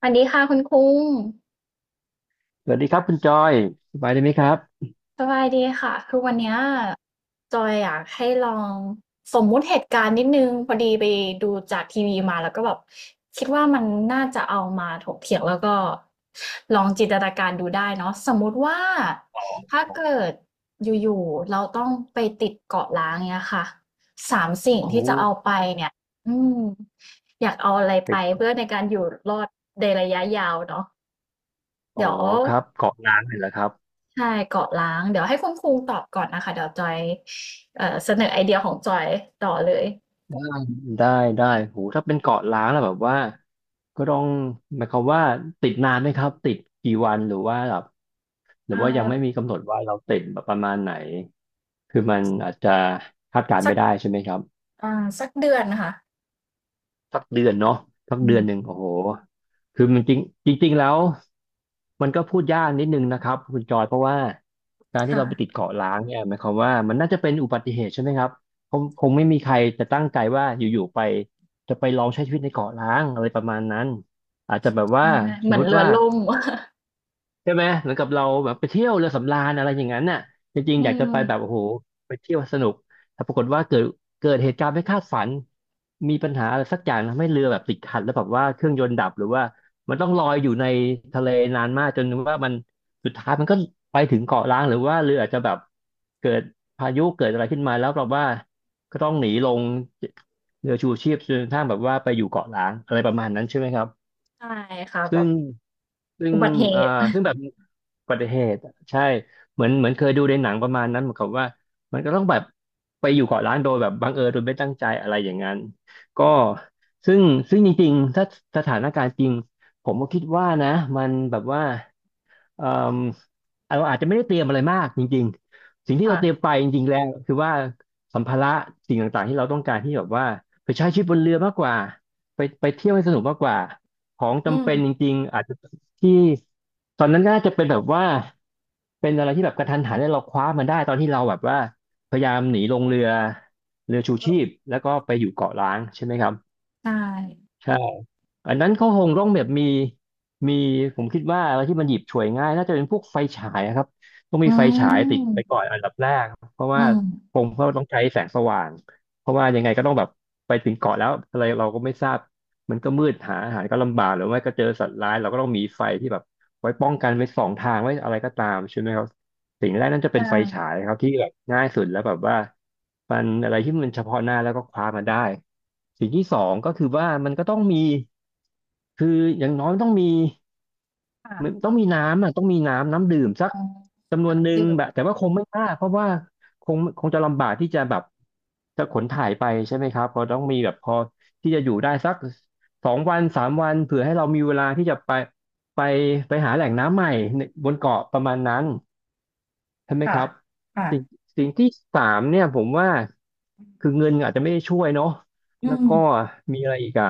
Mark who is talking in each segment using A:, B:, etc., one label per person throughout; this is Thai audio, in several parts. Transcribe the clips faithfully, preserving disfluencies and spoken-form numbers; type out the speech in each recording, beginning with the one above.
A: สวัสดีค่ะคุณคุ้ง
B: สวัสดีครับคุณจอยสบายดีไหมครับ
A: สบายดีค่ะคือวันเนี้ยจอยอยากให้ลองสมมุติเหตุการณ์นิดนึงพอดีไปดูจากทีวีมาแล้วก็แบบคิดว่ามันน่าจะเอามาถกเถียงแล้วก็ลองจินตนาการดูได้เนาะสมมุติว่าถ้าเกิดอยู่ๆเราต้องไปติดเกาะล้างเนี่ยค่ะสามสิ่ง
B: โอ้
A: ที่จะเอาไปเนี่ยอืมอยากเอาอะไรไป
B: เป็น
A: เพื่อ
B: เกาะ
A: ในการอยู่รอดในระยะยาวเนาะ
B: อ๋อ
A: เดี๋ยว
B: ครับเกาะล้างเลยเหรอครับ
A: ใช่เกาะล้างเดี๋ยวให้คุณครูตอบก่อนนะคะเดี๋ยวจอยเอ่อเสนอไอเดียของจอยต่อเลย
B: ได้ได้โหถ้าเป็นเกาะล้างแล้วแบบว่าก็ต้องหมายความว่าติดนานไหมครับติดกี่วันหรือว่าแบบหรือ
A: อ่
B: ว่ายัง
A: า
B: ไม่มีกำหนดว่าเราติดแบบประมาณไหนคือมันอาจจะคาดการณ์
A: สัก
B: ไม่ได้ใช่ไหมครับ
A: อ่าสักเดือนค่ะ
B: สักเดือนเนาะสัก
A: อื
B: เดือ
A: ม
B: นหนึ่งโอ้โหคือมันจริงจริงๆแล้วมันก็พูดยากนิดนึงนะครับคุณจอยเพราะว่าการที่เราไปติด
A: ค่ะ
B: เกาะล้างเนี่ยหมายความว่ามันน่าจะเป็นอุบัติเหตุใช่ไหมครับคงคงไม่มีใครจะตั้งใจว่าอยู่ๆไปจะไปลองใช้ชีวิตในเกาะล้างอะไรประมาณนั้นอาจจะแบบว่า
A: ใช่
B: ส
A: เห
B: ม
A: มือน
B: มุติ
A: เรือ
B: ว่า
A: ล่ม
B: ใช่ไหมเหมือนกับเราแบบไปเที่ยวเรือสำราญอะไรอย่างนั้นน่ะจริ ง
A: อื
B: ๆอยากจะ
A: ม
B: ไปแบบโอ้โหไปเที่ยวสนุกแต่ปรากฏว่าเกิดเกิดเหตุการณ์ไม่คาดฝันมีปัญหาอะไรสักอย่างทำให้เรือแบบติดขัดแล้วแบบว่าเครื่องยนต์ดับหรือว่ามันต้องลอยอยู่ในทะเลนานมากจนว่ามันสุดท้ายมันก็ไปถึงเกาะล้างหรือว่าเรืออาจจะแบบเกิดพายุเกิดอะไรขึ้นมาแล้วแบบว่าก็ต้องหนีลงเรือชูชีพจนกระทั่งแบบว่าไปอยู่เกาะล้างอะไรประมาณนั้นใช่ไหมครับ
A: ใช่ค่ะแบ
B: ซึ่
A: บ
B: งซึ่ง
A: อุบัติเห
B: อ่า
A: ตุ
B: ซึ่งแบบอุบัติเหตุอะใช่เหมือนเหมือนเคยดูในหนังประมาณนั้นเหมือนกับว่ามันก็ต้องแบบไปอยู่เกาะล้างโดยแบบบังเอิญโดยไม่ตั้งใจอะไรอย่างนั้นก็ซึ่งซึ่งจริงๆถ้าสถานการณ์จริงผมก็คิดว่านะมันแบบว่าเอ่มเราอาจจะไม่ได้เตรียมอะไรมากจริงๆสิ่ง ที่เราเตรียม
A: ค่ะ
B: ไปจริงๆแล้วคือว่าสัมภาระสิ่งต่างๆที่เราต้องการที่แบบว่าไปใช้ชีวิตบนเรือมากกว่าไปไปเที่ยวให้สนุกมากกว่า ของ
A: อื
B: จำ
A: ม
B: เป็นจริงๆ อาจจะที่ตอนนั้นก็น่าจะเป็นแบบว่าเป็นอะไรที่แบบกระทันหันแล้วเราคว้ามันได้ตอนที่เราแบบว่าพยายามหนีลงเรือเรือชู
A: แล้
B: ชี
A: ว
B: พแล้วก็ไปอยู่เกาะล้างใช่ไหมครับ
A: ใช่
B: ใช่อันนั้นเขาคงต้องแบบมีมีผมคิดว่าอะไรที่มันหยิบฉวยง่ายน่าจะเป็นพวกไฟฉายอะครับต้อง
A: อื
B: มีไฟฉายติดไปก่อ
A: ม
B: นอันดับแรกเพราะ
A: อื
B: ว่า
A: ม
B: คงเขาต้องใช้แสงสว่างเพราะว่ายังไงก็ต้องแบบไปถึงเกาะแล้วอะไรเราก็ไม่ทราบมันก็มืดหาอาหารก็ลำบากหรือไม่ก็เจอสัตว์ร้ายเราก็ต้องมีไฟที่แบบไว้ป้องกันไว้สองทางไว้อะไรก็ตามใช่ไหมครับ สิ่งแรกนั่นจะ
A: ใช่
B: เป็นไฟฉายครับที่แบบง่ายสุดแล้วแบบว่ามันอะไรที่มันเฉพาะหน้าแล้วก็คว้ามาได้สิ่งที่สองก็คือว่ามันก็ต้องมีคืออย่างน้อยต้องมีมัน
A: ค่ะ
B: ต้องมีน้ำอ่ะต้องมีน้ำน้ำดื่มสัก
A: อ๋อ
B: จำนวนห
A: น้ำ
B: นึ่ง
A: ดื่ม
B: แบบแต่ว่าคงไม่มากเพราะว่าคงคงจะลำบากที่จะแบบจะขนถ่ายไปใช่ไหมครับเพอต้องมีแบบพอที่จะอยู่ได้สักสองวันสามวันเผื่อให้เรามีเวลาที่จะไปไปไปหาแหล่งน้ำใหม่ในบนเกาะประมาณนั้น ใช่ไหมค
A: ค่ะ
B: รับ
A: ค่ะ
B: สิ่งสิ่งที่สามเนี่ยผมว่าคือเงินอาจจะไม่ได้ช่วยเนาะ
A: อื
B: แล้ว
A: ม
B: ก็มีอะไรอีกอ่ะ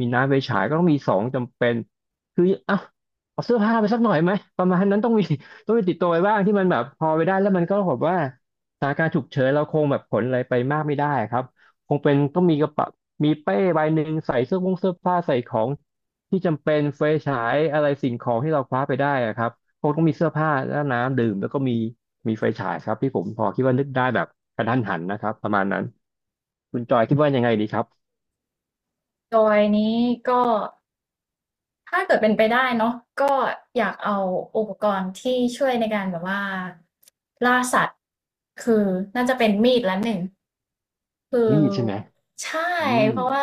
B: มีน้ำไฟฉายก็ต้องมีสองจำเป็นคืออ่ะเอาเสื้อผ้าไปสักหน่อยไหมประมาณนั้นต้องมี ต้องมีติดตัวไว้บ้างที่มันแบบพอไปได้แล้วมันก็แบบว่าสถานการณ์ฉุกเฉินเราคงแบบขนอะไรไปมากไม่ได้ครับคงเป็นต้องมีกระเป๋ามีเป้ใบหนึ่งใส่เสื้อผงเสื้อผ้าใส่ของที่จำเป็นไฟฉายอะไรสิ่งของที่เราคว้าไปได้อะครับ คงต้องมีเสื้อผ้าแล้วน้ำดื่มแล้วก็มีมีไฟฉายครับที่ผมพอคิดว่านึกได้แบบกระทันหันนะครับประมาณนั้นคุณจอยคิดว่ายังไงดีครับ
A: จอยนี้ก็ ถ้าเกิดเป็นไปได้เนาะก็อยากเอาอุปกรณ์ที่ช่วยในการแบบว่าล่าสัตว์คือน่าจะเป็นมีดละหนึ่งคื
B: มีดใช่ไห
A: อ
B: ม
A: ใช่
B: อืม
A: เพราะว่า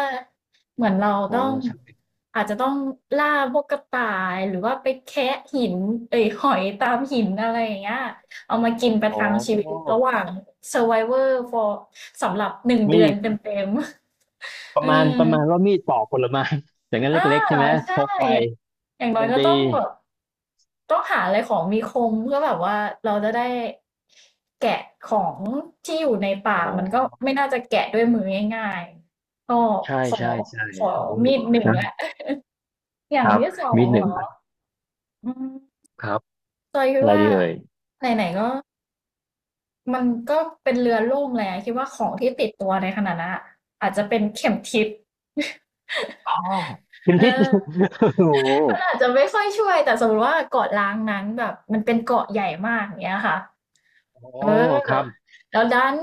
A: เหมือนเรา
B: โอ้
A: ต้อง
B: ใช่
A: อาจจะต้องล่าพวกกระต่ายหรือว่าไปแคะหินเอ้ยหอยตามหินอะไรอย่างเงี้ยเอามากินประ
B: อ๋อ
A: ทังชีวิตระหว่าง Survivor for สำหรับหนึ่ง
B: มี
A: เดือนเต
B: ด
A: ็มๆ
B: ป
A: อื
B: ระมาณ
A: ม
B: ประมาณว่ามีดปอกผลไม้ อย่างนั้น
A: อา
B: เล็กๆใช่ไหมพ
A: ใช่
B: กไป
A: อย่างอย่างน้อ
B: ยั
A: ย
B: ง
A: ก็
B: ดี
A: ต้องแบบต้องหาอะไรของมีคมเพื่อแบบว่าเราจะได้แกะของที่อยู่ใน
B: อ๋
A: ป่ามันก็
B: อ
A: ไม่น่าจะแกะด้วยมือง่ายๆก็
B: ใช่
A: ขอ
B: ใช่ใช่
A: ขอ
B: โอ้
A: มีดหนึ่งแล้
B: นะ
A: วอย่า
B: ค
A: ง
B: รับ
A: ที่สอง
B: มีดห
A: เห
B: นึ่
A: ร
B: ง
A: อ
B: อัน
A: อืม
B: ครับ
A: จอยคิด
B: อะไร
A: ว่า
B: ดีเอ่ย
A: ไหนๆก็มันก็เป็นเรือล่มแล้วคิดว่าของที่ติดตัวในขณะนั้นอะอาจจะเป็นเข็มทิศ
B: อ๋อเข็ม
A: เอ
B: ทิศ
A: อ
B: โอ้โห
A: มันอาจจะไม่ค่อยช่วยแต่สมมุติว่าเกาะล้างนั้นแบบมันเป็นเกาะใหญ่มากอย่างเงี้ยค่ะ
B: อ๋อ
A: เอ
B: ครับ
A: อแล้วดัน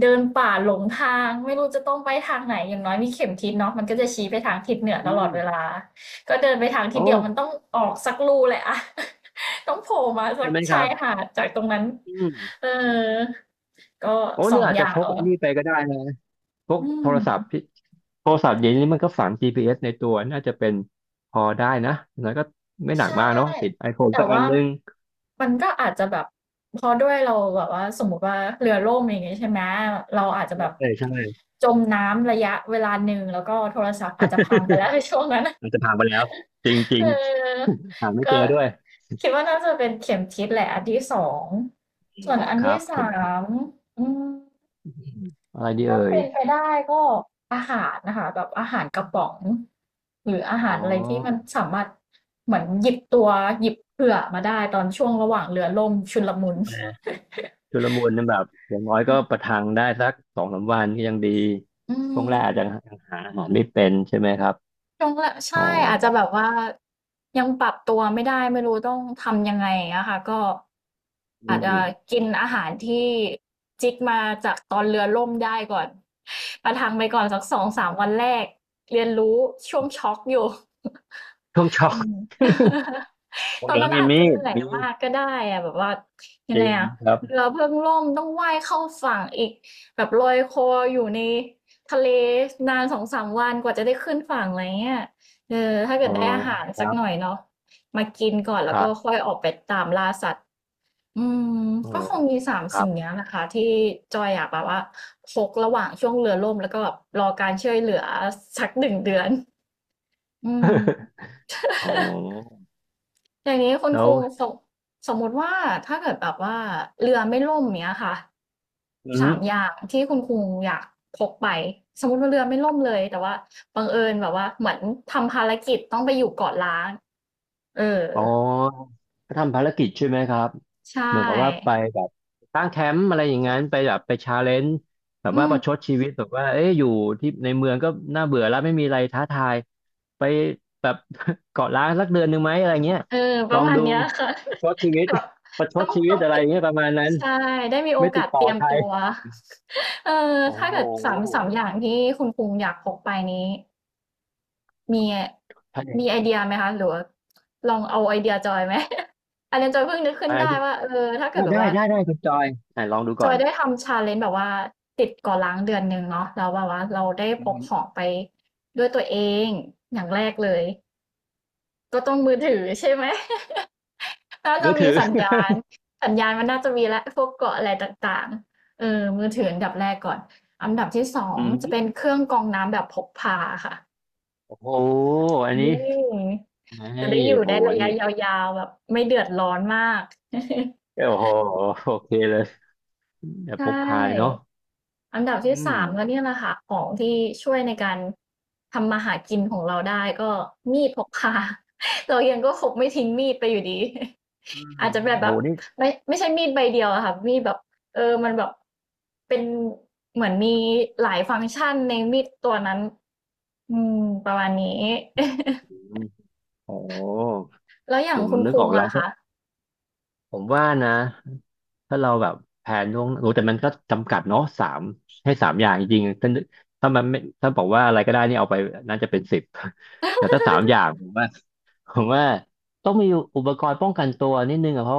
A: เดินป่าหลงทางไม่รู้จะต้องไปทางไหนอย่างน้อยมีเข็มทิศเนาะมันก็จะชี้ไปทางทิศเหนือต
B: อื
A: ลอ
B: ม
A: ดเวลาก็เดินไปทางทิ
B: โอ้
A: ศเดียวมันต้องออกสักลูแหละอะ ต้องโผล่มาสั
B: ใช่
A: ก
B: ไหมค
A: ชา
B: รั
A: ย
B: บ
A: หาดจากตรงนั้น
B: อื
A: เอ
B: ม
A: อก็
B: โอ้
A: ส
B: เรื
A: อ
B: อ
A: ง
B: อาจ
A: อ
B: จะ
A: ย่า
B: พ
A: ง
B: ก
A: เอา
B: ไอ้นี่ไปก็ได้นะพก
A: อื
B: โท
A: ม
B: รศัพท์พี่โทรศัพท์เดี๋ยวนี้มันก็ฝัง จี พี เอส ในตัวน่าจะเป็นพอได้นะแล้วก็ไม่หนัก
A: ใช่
B: มากเนาะติด ไอโฟน
A: แต่
B: สักอัน
A: ว่า
B: นึง
A: มันก็อาจจะแบบพอด้วยเราแบบว่าสมมติว่าเรือล่มอย่างเงี้ยใช่ไหมเราอาจจะแบบ
B: ใช่ใช่
A: จมน้ำระยะเวลาหนึ่งแล้วก็โทรศัพท์อาจจะพังไปแล้ว ในช่วงนั้น
B: มันจะผ่านไปแล้วจริงๆ ริง
A: เออ
B: หาไม่เจ
A: ก็
B: อด้วย
A: คิดว่าน่าจะเป็นเข็มทิศแหละอันที่สองส่วน
B: อ๋อ
A: อัน
B: ครั
A: ที่
B: บเข็
A: สา
B: มทิศ
A: มอืม
B: อมอะไรดี
A: ถ้า
B: เอ่ย
A: เป็นไปได้ก็อาหารนะคะแบบอาหารกระป๋องหรืออา
B: อ๋
A: หาร
B: อ
A: อะไรที่มันสามารถเหมือนหยิบตัวหยิบเผื่อมาได้ตอนช่วงระหว่างเรือล่มชุลมุน
B: แหมชุลมุนนั่นแบบอย่างน้อยก็ประทังได้สักสองสามวันก็ยังดี
A: อื
B: ช่วงแรกอาจจะหา
A: ม
B: อาหารไม่เป็นใช่ไหมครับ
A: ช่วงแรก
B: อ๋อ
A: ใช่อาจจะแบบว่ายังปรับตัวไม่ได้ไม่รู้ต้องทำยังไงอะค่ะก็
B: อื
A: อาจจะ
B: ม
A: กินอาหารที่จิกมาจากตอนเรือล่มได้ก่อน ประทังไปก่อนสักสองสามวันแรกเรียนรู้ช่วงช็อกอยู่
B: ช่วงช็อ ก
A: อืม
B: โอ้
A: ตอน
B: เดี๋ยว
A: นั้น
B: มี
A: อาจ
B: มี
A: จะเห
B: ด
A: นื่อย
B: มี
A: มากก็ได้อะแบบว่า
B: จ
A: ยัง
B: ริ
A: ไง
B: ง
A: อะ
B: ครับ
A: เรือเพิ่งล่มต้องว่ายเข้าฝั่งอีกแบบลอยคออยู่ในทะเลนานสองสามวันกว่าจะได้ขึ้นฝั่งอะไรเงี้ยเออถ้าเกิ
B: อ๋อ
A: ดได้อาหาร
B: ค
A: สั
B: รั
A: กหน่อย
B: บ
A: เนาะมากินก่อน
B: ค
A: แล้ว
B: รั
A: ก็
B: บ
A: ค่อยออกไปตามล่าสัตว์อืม
B: อ๋อ
A: ก็คงมีสาม
B: ครั
A: สิ่ง
B: บ
A: เนี้ยนะคะที่จอยอยากแบบว่าพกระหว่างช่วงเรือล่มแล้วก็แบบรอการช่วยเหลือสักหนึ่งเดือนอืม
B: อ๋อ
A: อย่างนี้คุณ
B: แล้
A: ค
B: ว
A: รูสมสมมติว่าถ้าเกิดแบบว่าเรือไม่ล่มเนี้ยค่ะ
B: อื
A: สาม
B: ม
A: อย่างที่คุณครูอยากพกไปสมมติว่าเรือไม่ล่มเลยแต่ว่าบังเอิญแบบว่าเหมือนทำภารกิจต้องไปอยู่เกาะล้างเออ
B: อ๋อก็ทำภารกิจใช่ไหมครับ
A: ใช
B: เหมือนกับว่าไป
A: ่
B: แบบตั้งแคมป์อะไรอย่างนั้นไปแบบไปชาเลนจ์แบบ
A: อื
B: ว่าป
A: ม
B: ระชดชีวิตแบบว่าเอ๊ะอยู่ที่ในเมืองก็น่าเบื่อแล้วไม่มีอะไรท้าทายไปแบบ เกาะล้างสักเดือนหนึ่งไหมอะไรเงี้ย
A: เออป
B: ลอ
A: ระ
B: ง
A: มาณ
B: ดู
A: เนี้ยค่ะ
B: ประชดชี วิต
A: แบบ
B: ประช
A: ต้อ
B: ด
A: ง
B: ชีวิ
A: ต้
B: ต
A: อง
B: อะไร
A: ติด
B: เงี้ยประมาณนั้น
A: ใช่ได้มีโอ
B: ไม่ติ
A: กา
B: ด
A: ส
B: ต่
A: เต
B: อ
A: รียม
B: ใคร
A: ตัว เออ
B: โอ้
A: ถ้า
B: โห
A: เกิดสามสามอย่างที่คุณครูอยากพกไปนี้ มี
B: ใช่
A: มีไอเดียไหมคะหรือว่าลองเอาไอเดียจอยไหม อันนี้จอยเพิ่งนึกขึ้นได้
B: อ่า
A: ว่าเออถ้าเกิด
B: อ่า
A: แบบ
B: ได้
A: ว่า
B: ได้ได้คุณจอยอ่าลองดู
A: จ
B: ก่
A: อ
B: อ
A: ย
B: น
A: ได้ทำชาเลน e n แบบว่าติดก่อล้างเดือนหนึ่งเนาะแล้วแบบว่าเราได้
B: อื
A: พก
B: ม
A: ของไปด้วยตัวเองอย่างแรกเลยก็ต้องมือถือใช่ไหม น่าจะ
B: มือ
A: มี
B: ถือ
A: สัญญาณสัญญาณมันน่าจะมีและพวกเกาะอะไรต่างๆเออมือถืออันดับแรกก่อนอันดับที่สอง
B: อื
A: จะ
B: ม
A: เป็นเครื่องกรองน้ำแบบพกพาค่ะ
B: โอ้โหอัน
A: อื
B: นี้
A: ม
B: ไอ้
A: จะได้อยู่
B: โห
A: ได้ระยะ
B: นี่
A: ยาวๆแบบไม่เดือดร้อนมาก
B: โอ้โหโอเคเลยแบบ
A: ใช
B: พกพาเลยเนาะ
A: ่อันดับที่
B: อืม
A: สามก็เนี่ยแหละค่ะของที่ช่วยในการทำมาหากินของเราได้ก็มีดพกพา เรายังก็คงไม่ทิ้งมีดไปอยู่ดี
B: อืม
A: อาจจะแบบ
B: โห
A: แบบ
B: นี่
A: ไม่ไม่ใช่มีดใบเดียวอะค่ะมีดแบบเออมันแบบเป็นเหมือนมีหลายฟังก์ชันในมีดตัวนั้นอืมประมาณนี้
B: อืมโอ้
A: แล้วอ
B: ผ
A: ย่าง
B: ม
A: คุณ
B: นึก
A: คุ
B: อ
A: ง
B: อกแล้ว
A: อะคะ
B: ผมว่านะถ้าเราแบบแผนล่วงโอ้แต่มันก็จำกัดเนาะสามให้สามอย่างจริงๆถ้านึกถ้ามันไม่ถ้าบอกว่าอะไรก็ได้นี่เอาไปน่าจะเป็นสิบแต่ถ้าสามอย่างผมว่า ผมว่าต้องมีอุปกรณ์ป้องกันตัวนิดนึงอะเพราะ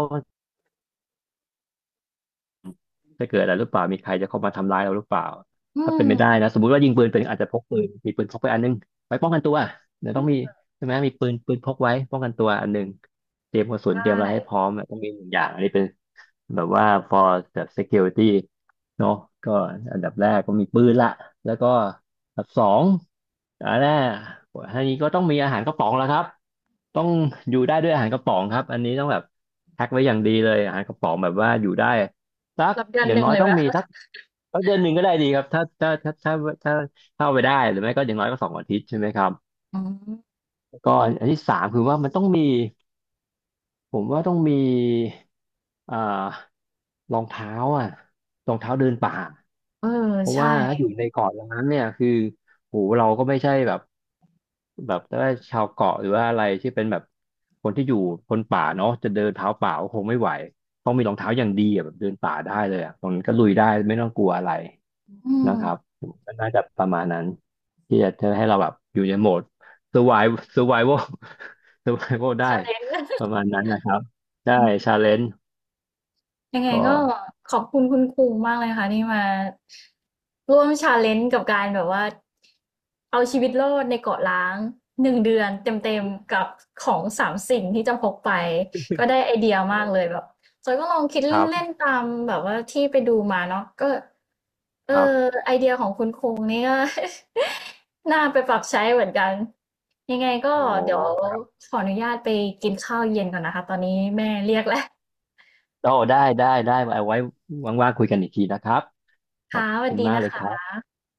B: จะเกิดอะไรหรือเปล่ามีใครจะเข้ามาทำร้ายเราหรือเปล่า
A: อื
B: ถ้าเป็
A: ม
B: นไม่ได้นะสมมติว่ายิงปืนเป็นอาจจะพกปืนมีปืนพกไปอันนึงไว้ป้องกันตัวเดี๋ยวต้องมีใช่ไหมมีปืนปืนพกไว้ป้องกันตัวอันหนึงเตรียมกระสุน
A: ใช่
B: เตรียมอะไรให้พร้อมอะต้องมีหนึ่งอย่างอันนี้เป็นแบบว่า ฟอร์ แบบ ซีเคียวริตี้ เนาะก็อันดับแรกก็มีปืนละแล้วก็อันดับสองอันแรกอันนี้ก็ต้องมีอาหารกระป๋องแล้วครับต้องอยู่ได้ด้วยอาหารกระป๋องครับอันนี้ต้องแบบแพ็คไว้อย่างดีเลยอาหารกระป๋องแบบว่าอยู่ได้ สัก
A: รับเดือน
B: อ
A: ห
B: ย่าง
A: นึ่ง
B: น้อย
A: เลย
B: ต้
A: ไห
B: อ
A: ม
B: ง มี
A: คะ
B: สักสักเดือนหนึ่งก็ได้ดีครับถ้าถ้าถ้าถ้าถ้าถ้าเอาไปได้หรือไม่ก็อย่างน้อยก็สองอาทิตย์ใช่ไหมครับ
A: อ๋อ
B: ก็อันที่สามคือว่ามันต้องมีผมว่าต้องมีอ่ารองเท้าอ่ะรองเท้าเดินป่า
A: เออ
B: เพราะ
A: ใช่
B: ว่าถ้าอยู่ในเกาะอย่างนั้นเนี่ยคือโหเราก็ไม่ใช่แบบแบบว่าชาวเกาะหรือว่าอะไรที่เป็นแบบคนที่อยู่คนป่าเนาะจะเดินเท้าเปล่าก็คงไม่ไหวต้องมีรองเท้าอย่างดีอะแบบเดินป่าได้เลยอ่ะตรงนั้นก็ลุยได้ไม่ต้องกลัวอะไร
A: อื
B: นะครับ
A: ม
B: ก็น่าจะประมาณนั้นที่จะทำให้เราแบบอยู่ในโหมด survive เซอร์ไววัล เซอร์ไววัล ได้
A: ชาเลน
B: ป
A: จ์
B: ระมาณนั้นนะครับได้ ชาเลนจ์
A: ยังไง
B: ก็
A: ก็ขอบคุณคุณครูมากเลยค่ะที่มาร่วมชาเลนจ์กับการแบบว่าเอาชีวิตรอดในเกาะล้างหนึ่งเดือน
B: โอ
A: เต็ม
B: ้
A: ๆกับของสามสิ่งที่จะพกไปก็ได้ไอเดียมาก
B: โห
A: เลยแบบจอยก็ลองคิด
B: ครั
A: เล่
B: บ
A: นๆตามแบบว่าที่ไปดูมาเนาะก็เออ
B: ครับ
A: ไอเดียของคุณครูนี่ก็ น่าไปปรับใช้เหมือนกันยังไงก็
B: โอ
A: เดี๋ยว
B: ้
A: ขออนุญาตไปกินข้าวเย็นก่อนนะคะตอนนี้แม่เรียกแล้ว
B: โอ้ได้ได้ได้ไวาไว้ว่างๆคุยกันอีกทีนะครับขอ
A: ค่ะ
B: บ
A: สวัส
B: คุณ
A: ดี
B: มาก
A: นะ
B: เลยครั
A: คะ
B: บ